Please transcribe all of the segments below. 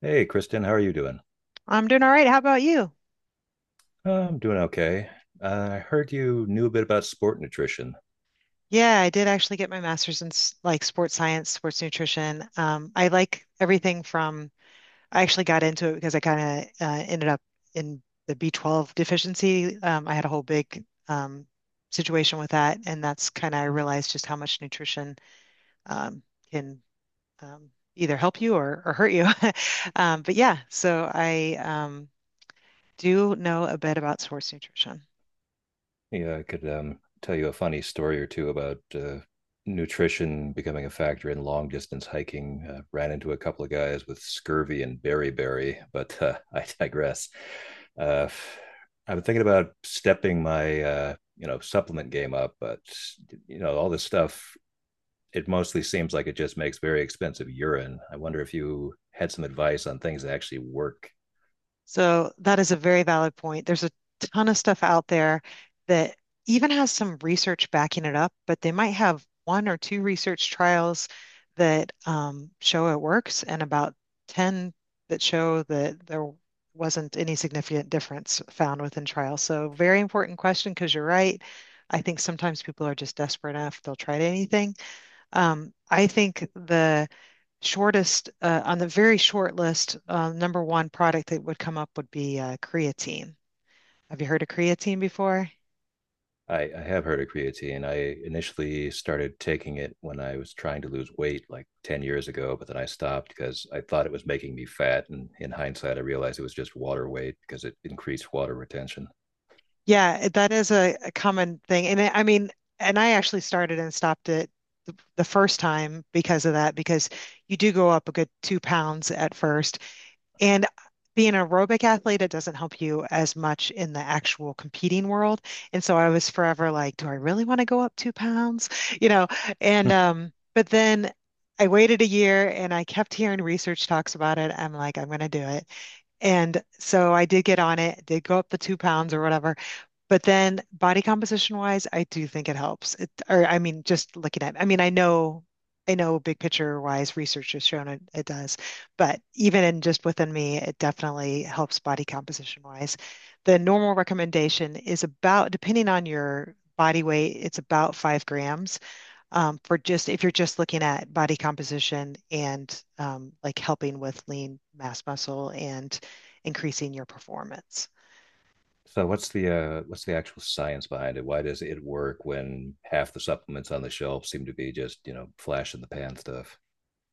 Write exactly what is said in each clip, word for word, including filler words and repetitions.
Hey, Kristen, how are you doing? I'm doing all right. How about you? I'm doing okay. Uh, I heard you knew a bit about sport nutrition. Yeah, I did actually get my master's in s- like sports science, sports nutrition. Um, I like everything from. I actually got into it because I kind of uh, ended up in the B twelve deficiency. Um, I had a whole big um, situation with that, and that's kind of I realized just how much nutrition um, can um, either help you or, or hurt you. Um, but yeah, so I um, do know a bit about sports nutrition. Yeah, I could um, tell you a funny story or two about uh, nutrition becoming a factor in long distance hiking. Uh, ran into a couple of guys with scurvy and beriberi, but uh, I digress. Uh, I've been thinking about stepping my uh, you know supplement game up, but you know all this stuff it mostly seems like it just makes very expensive urine. I wonder if you had some advice on things that actually work. So that is a very valid point. There's a ton of stuff out there that even has some research backing it up, but they might have one or two research trials that um, show it works and about ten that show that there wasn't any significant difference found within trials. So very important question because you're right. I think sometimes people are just desperate enough, they'll try anything. Um, I think the shortest uh, on the very short list, uh, number one product that would come up would be uh, creatine. Have you heard of creatine before? I, I have heard of creatine. I initially started taking it when I was trying to lose weight like ten years ago, but then I stopped because I thought it was making me fat. And in hindsight, I realized it was just water weight because it increased water retention. Yeah, it- that is a, a common thing. And I I mean, and I actually started and stopped it the, the first time because of that, because you do go up a good two pounds at first. And being an aerobic athlete, it doesn't help you as much in the actual competing world. And so I was forever like, do I really want to go up two pounds? You know, and Hmm. um, but then I waited a year and I kept hearing research talks about it. I'm like, I'm going to do it. And so I did get on it, did go up the two pounds or whatever. But then body composition wise, I do think it helps. It, or I mean, just looking at, I mean, I know, I know big picture wise research has shown it, it does, but even in just within me, it definitely helps body composition wise. The normal recommendation is about, depending on your body weight, it's about five grams um, for just if you're just looking at body composition and um, like helping with lean mass muscle and increasing your performance. So what's the uh, what's the actual science behind it? Why does it work when half the supplements on the shelf seem to be just you know flash in the pan stuff?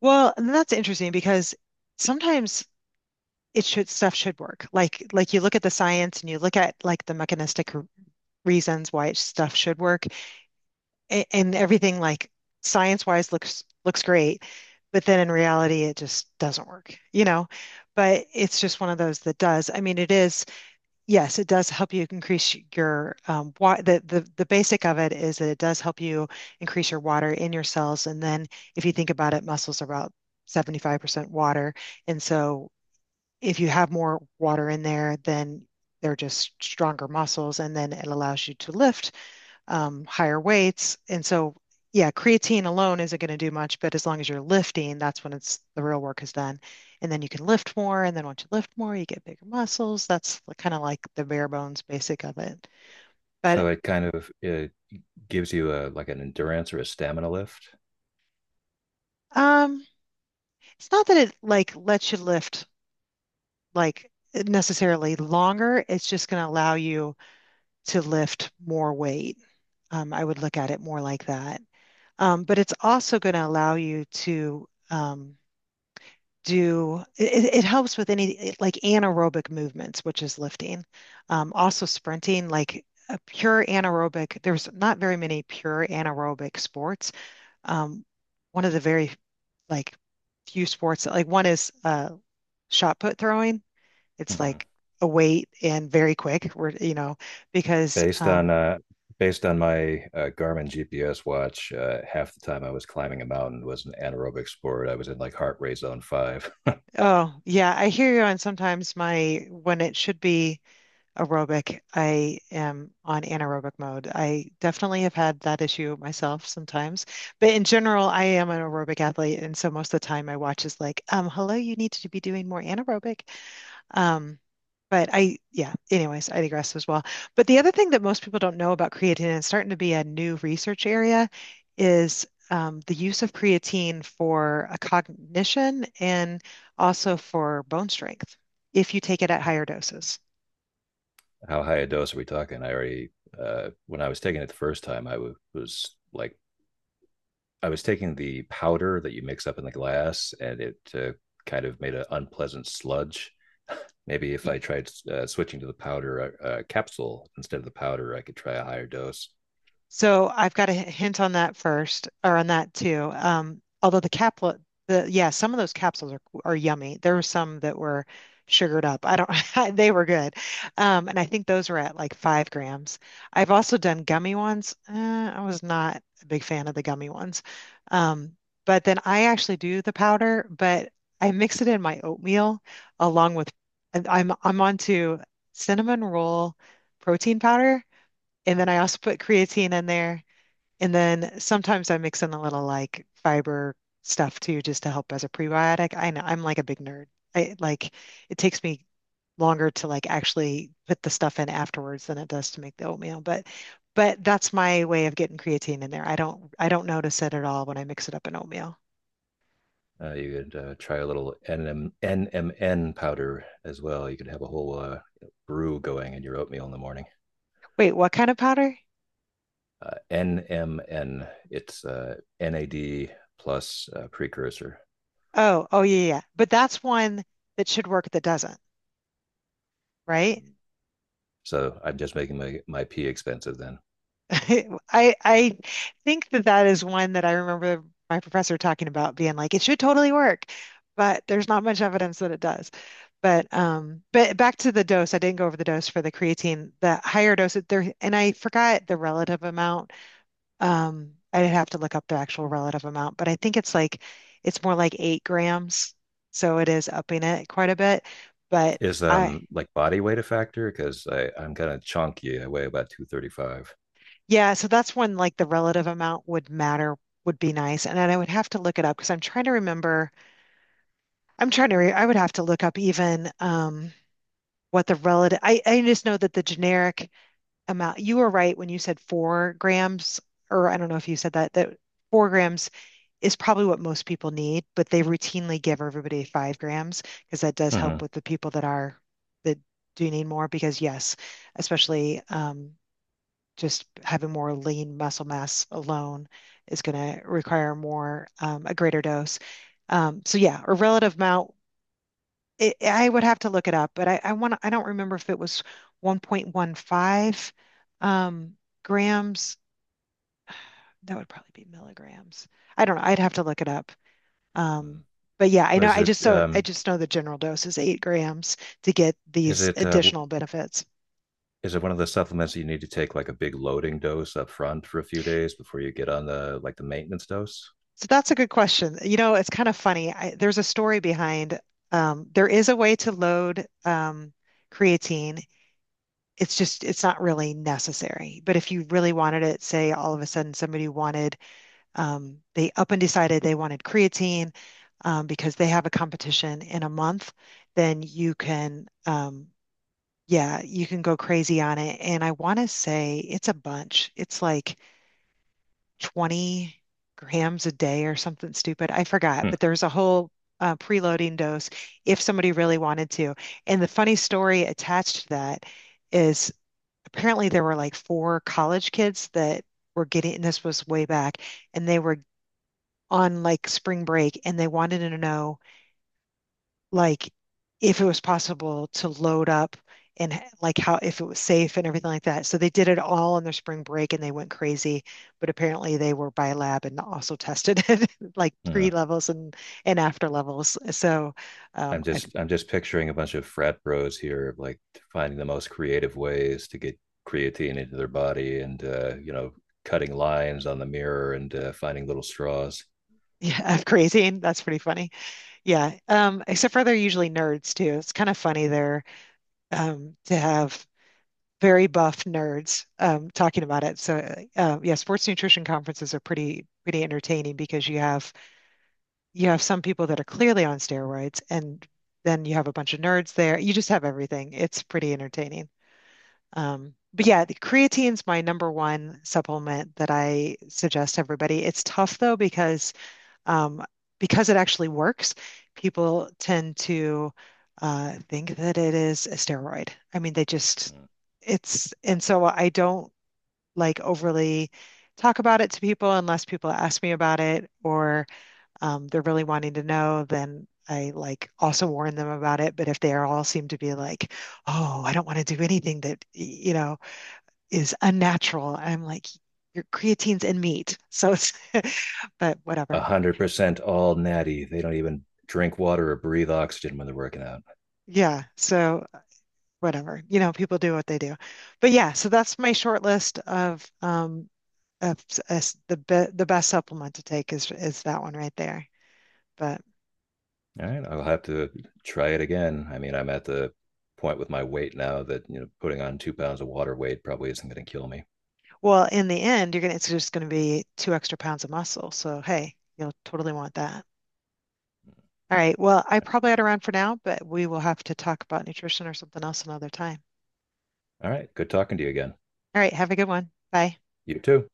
Well, and that's interesting because sometimes it should stuff should work. Like like you look at the science and you look at like the mechanistic r- reasons why it- stuff should work, and, and everything like science wise looks looks great, but then in reality it just doesn't work, you know? But it's just one of those that does. I mean, it is yes, it does help you increase your um, wa the, the the basic of it is that it does help you increase your water in your cells. And then if you think about it, muscles are about seventy-five percent water. And so if you have more water in there, then they're just stronger muscles. And then it allows you to lift um, higher weights. And so, yeah, creatine alone isn't going to do much, but as long as you're lifting, that's when it's the real work is done. And then you can lift more. And then once you lift more, you get bigger muscles. That's kind of like the bare bones basic of it. So But it kind of it gives you a like an endurance or a stamina lift. um, it's not that it like lets you lift like necessarily longer. It's just going to allow you to lift more weight. Um, I would look at it more like that. Um, but it's also going to allow you to um, do it, it helps with any eh, like anaerobic movements, which is lifting. Um, also sprinting, like a pure anaerobic, there's not very many pure anaerobic sports. Um, one of the very like few sports like one is uh shot put throwing. It's Hmm. like a weight and very quick. We're, you know, because Based on um uh, based on my uh, Garmin G P S watch, uh, half the time I was climbing a mountain was an anaerobic sport. I was in like heart rate zone five. oh yeah, I hear you on sometimes my when it should be aerobic. I am on anaerobic mode. I definitely have had that issue myself sometimes. But in general, I am an aerobic athlete. And so most of the time my watch is like, um, hello, you need to be doing more anaerobic. Um, but I, yeah, anyways, I digress as well. But the other thing that most people don't know about creatine, and it's starting to be a new research area, is um, the use of creatine for a cognition and also for bone strength if you take it at higher doses. How high a dose are we talking? I already uh, when I was taking it the first time, I w- was like I was taking the powder that you mix up in the glass, and it uh, kind of made an unpleasant sludge. Maybe if I tried uh, switching to the powder uh, uh, capsule instead of the powder, I could try a higher dose. So I've got a hint on that first, or on that too. Um, although the capsule, the, yeah, some of those capsules are are yummy. There were some that were sugared up. I don't, they were good, um, and I think those were at like five grams. I've also done gummy ones. Uh, I was not a big fan of the gummy ones, um, but then I actually do the powder, but I mix it in my oatmeal along with, and I'm I'm onto cinnamon roll protein powder. And then I also put creatine in there. And then sometimes I mix in a little like fiber stuff too, just to help as a prebiotic. I know I'm like a big nerd. I like it takes me longer to like actually put the stuff in afterwards than it does to make the oatmeal. But but that's my way of getting creatine in there. I don't I don't notice it at all when I mix it up in oatmeal. Uh, you could uh, try a little N M N powder as well. You could have a whole uh, brew going in your oatmeal in the morning. Wait, what kind of powder? Uh, N M N, it's uh, N A D plus uh, precursor. Oh, oh yeah, yeah, yeah. But that's one that should work that doesn't, right? So I'm just making my, my pee expensive then. I I think that that is one that I remember my professor talking about being like it should totally work, but there's not much evidence that it does. But um, but back to the dose, I didn't go over the dose for the creatine. The higher dose there, and I forgot the relative amount. Um, I'd have to look up the actual relative amount, but I think it's like it's more like eight grams, so it is upping it quite a bit. But Is I um like body weight a factor? Because I I'm kind of chunky. I weigh about two thirty five. yeah, so that's when like the relative amount would matter, would be nice. And then I would have to look it up because I'm trying to remember. I'm trying to re I would have to look up even um what the relative I, I just know that the generic amount you were right when you said four grams, or I don't know if you said that that four grams is probably what most people need, but they routinely give everybody five grams because that does Mm-hmm. help with the people that are that do need more because yes, especially um just having more lean muscle mass alone is going to require more, um, a greater dose. Um, so yeah, a relative amount. It, I would have to look it up, but I, I want I don't remember if it was one point one five um, grams. That would probably be milligrams. I don't know. I'd have to look it up. Mm. Um, but yeah, I know. Is I it just so I um just know the general dose is eight grams to get is these it uh, w- additional benefits. is it one of the supplements that you need to take like a big loading dose up front for a few days before you get on the like the maintenance dose? So that's a good question. You know, it's kind of funny. I, there's a story behind. Um, there is a way to load um, creatine. It's just it's not really necessary. But if you really wanted it, say all of a sudden somebody wanted um, they up and decided they wanted creatine um, because they have a competition in a month, then you can um, yeah you can go crazy on it. And I want to say it's a bunch. It's like twenty grams a day or something stupid. I forgot, Hmm. but there's a whole uh, preloading dose if somebody really wanted to. And the funny story attached to that is apparently there were like four college kids that were getting, and this was way back, and they were on like spring break and they wanted to know like if it was possible to load up and h- like how if it was safe and everything like that. So they did it all on their spring break and they went crazy, but apparently they were by lab and also tested it like Hmm. pre levels and and after levels. So I'm um I, just I'm just picturing a bunch of frat bros here like finding the most creative ways to get creatine into their body and uh, you know cutting lines on the mirror and uh, finding little straws. yeah, I'm crazy and that's pretty funny. Yeah. Um except for they're usually nerds too. It's kind of funny there um to have very buff nerds um talking about it. So uh, yeah, sports nutrition conferences are pretty pretty entertaining because you have you have some people that are clearly on steroids, and then you have a bunch of nerds there. You just have everything. It's pretty entertaining. Um, but yeah, the creatine's my number one supplement that I suggest to everybody. It's tough though because um, because it actually works, people tend to uh, think that it is a steroid. I mean, they just it's and so I don't like overly talk about it to people unless people ask me about it or um, they're really wanting to know, then I like also warn them about it. But if they all seem to be like, oh, I don't want to do anything that, you know, is unnatural, I'm like, your creatine's in meat. So it's, but whatever. one hundred percent all natty. They don't even drink water or breathe oxygen when they're working out. Yeah. So whatever, you know, people do what they do. But yeah, so that's my short list of, um, of, s- the be the best supplement to take is is that one right there. But All right, I'll have to try it again. I mean, I'm at the point with my weight now that, you know, putting on two pounds of water weight probably isn't going to kill me. well, in the end, you're gonna it's just gonna be two extra pounds of muscle. So hey, you'll totally want that. All right. Well, I probably ought to run for now, but we will have to talk about nutrition or something else another time. All right, good talking to you again. All right. Have a good one. Bye. You too.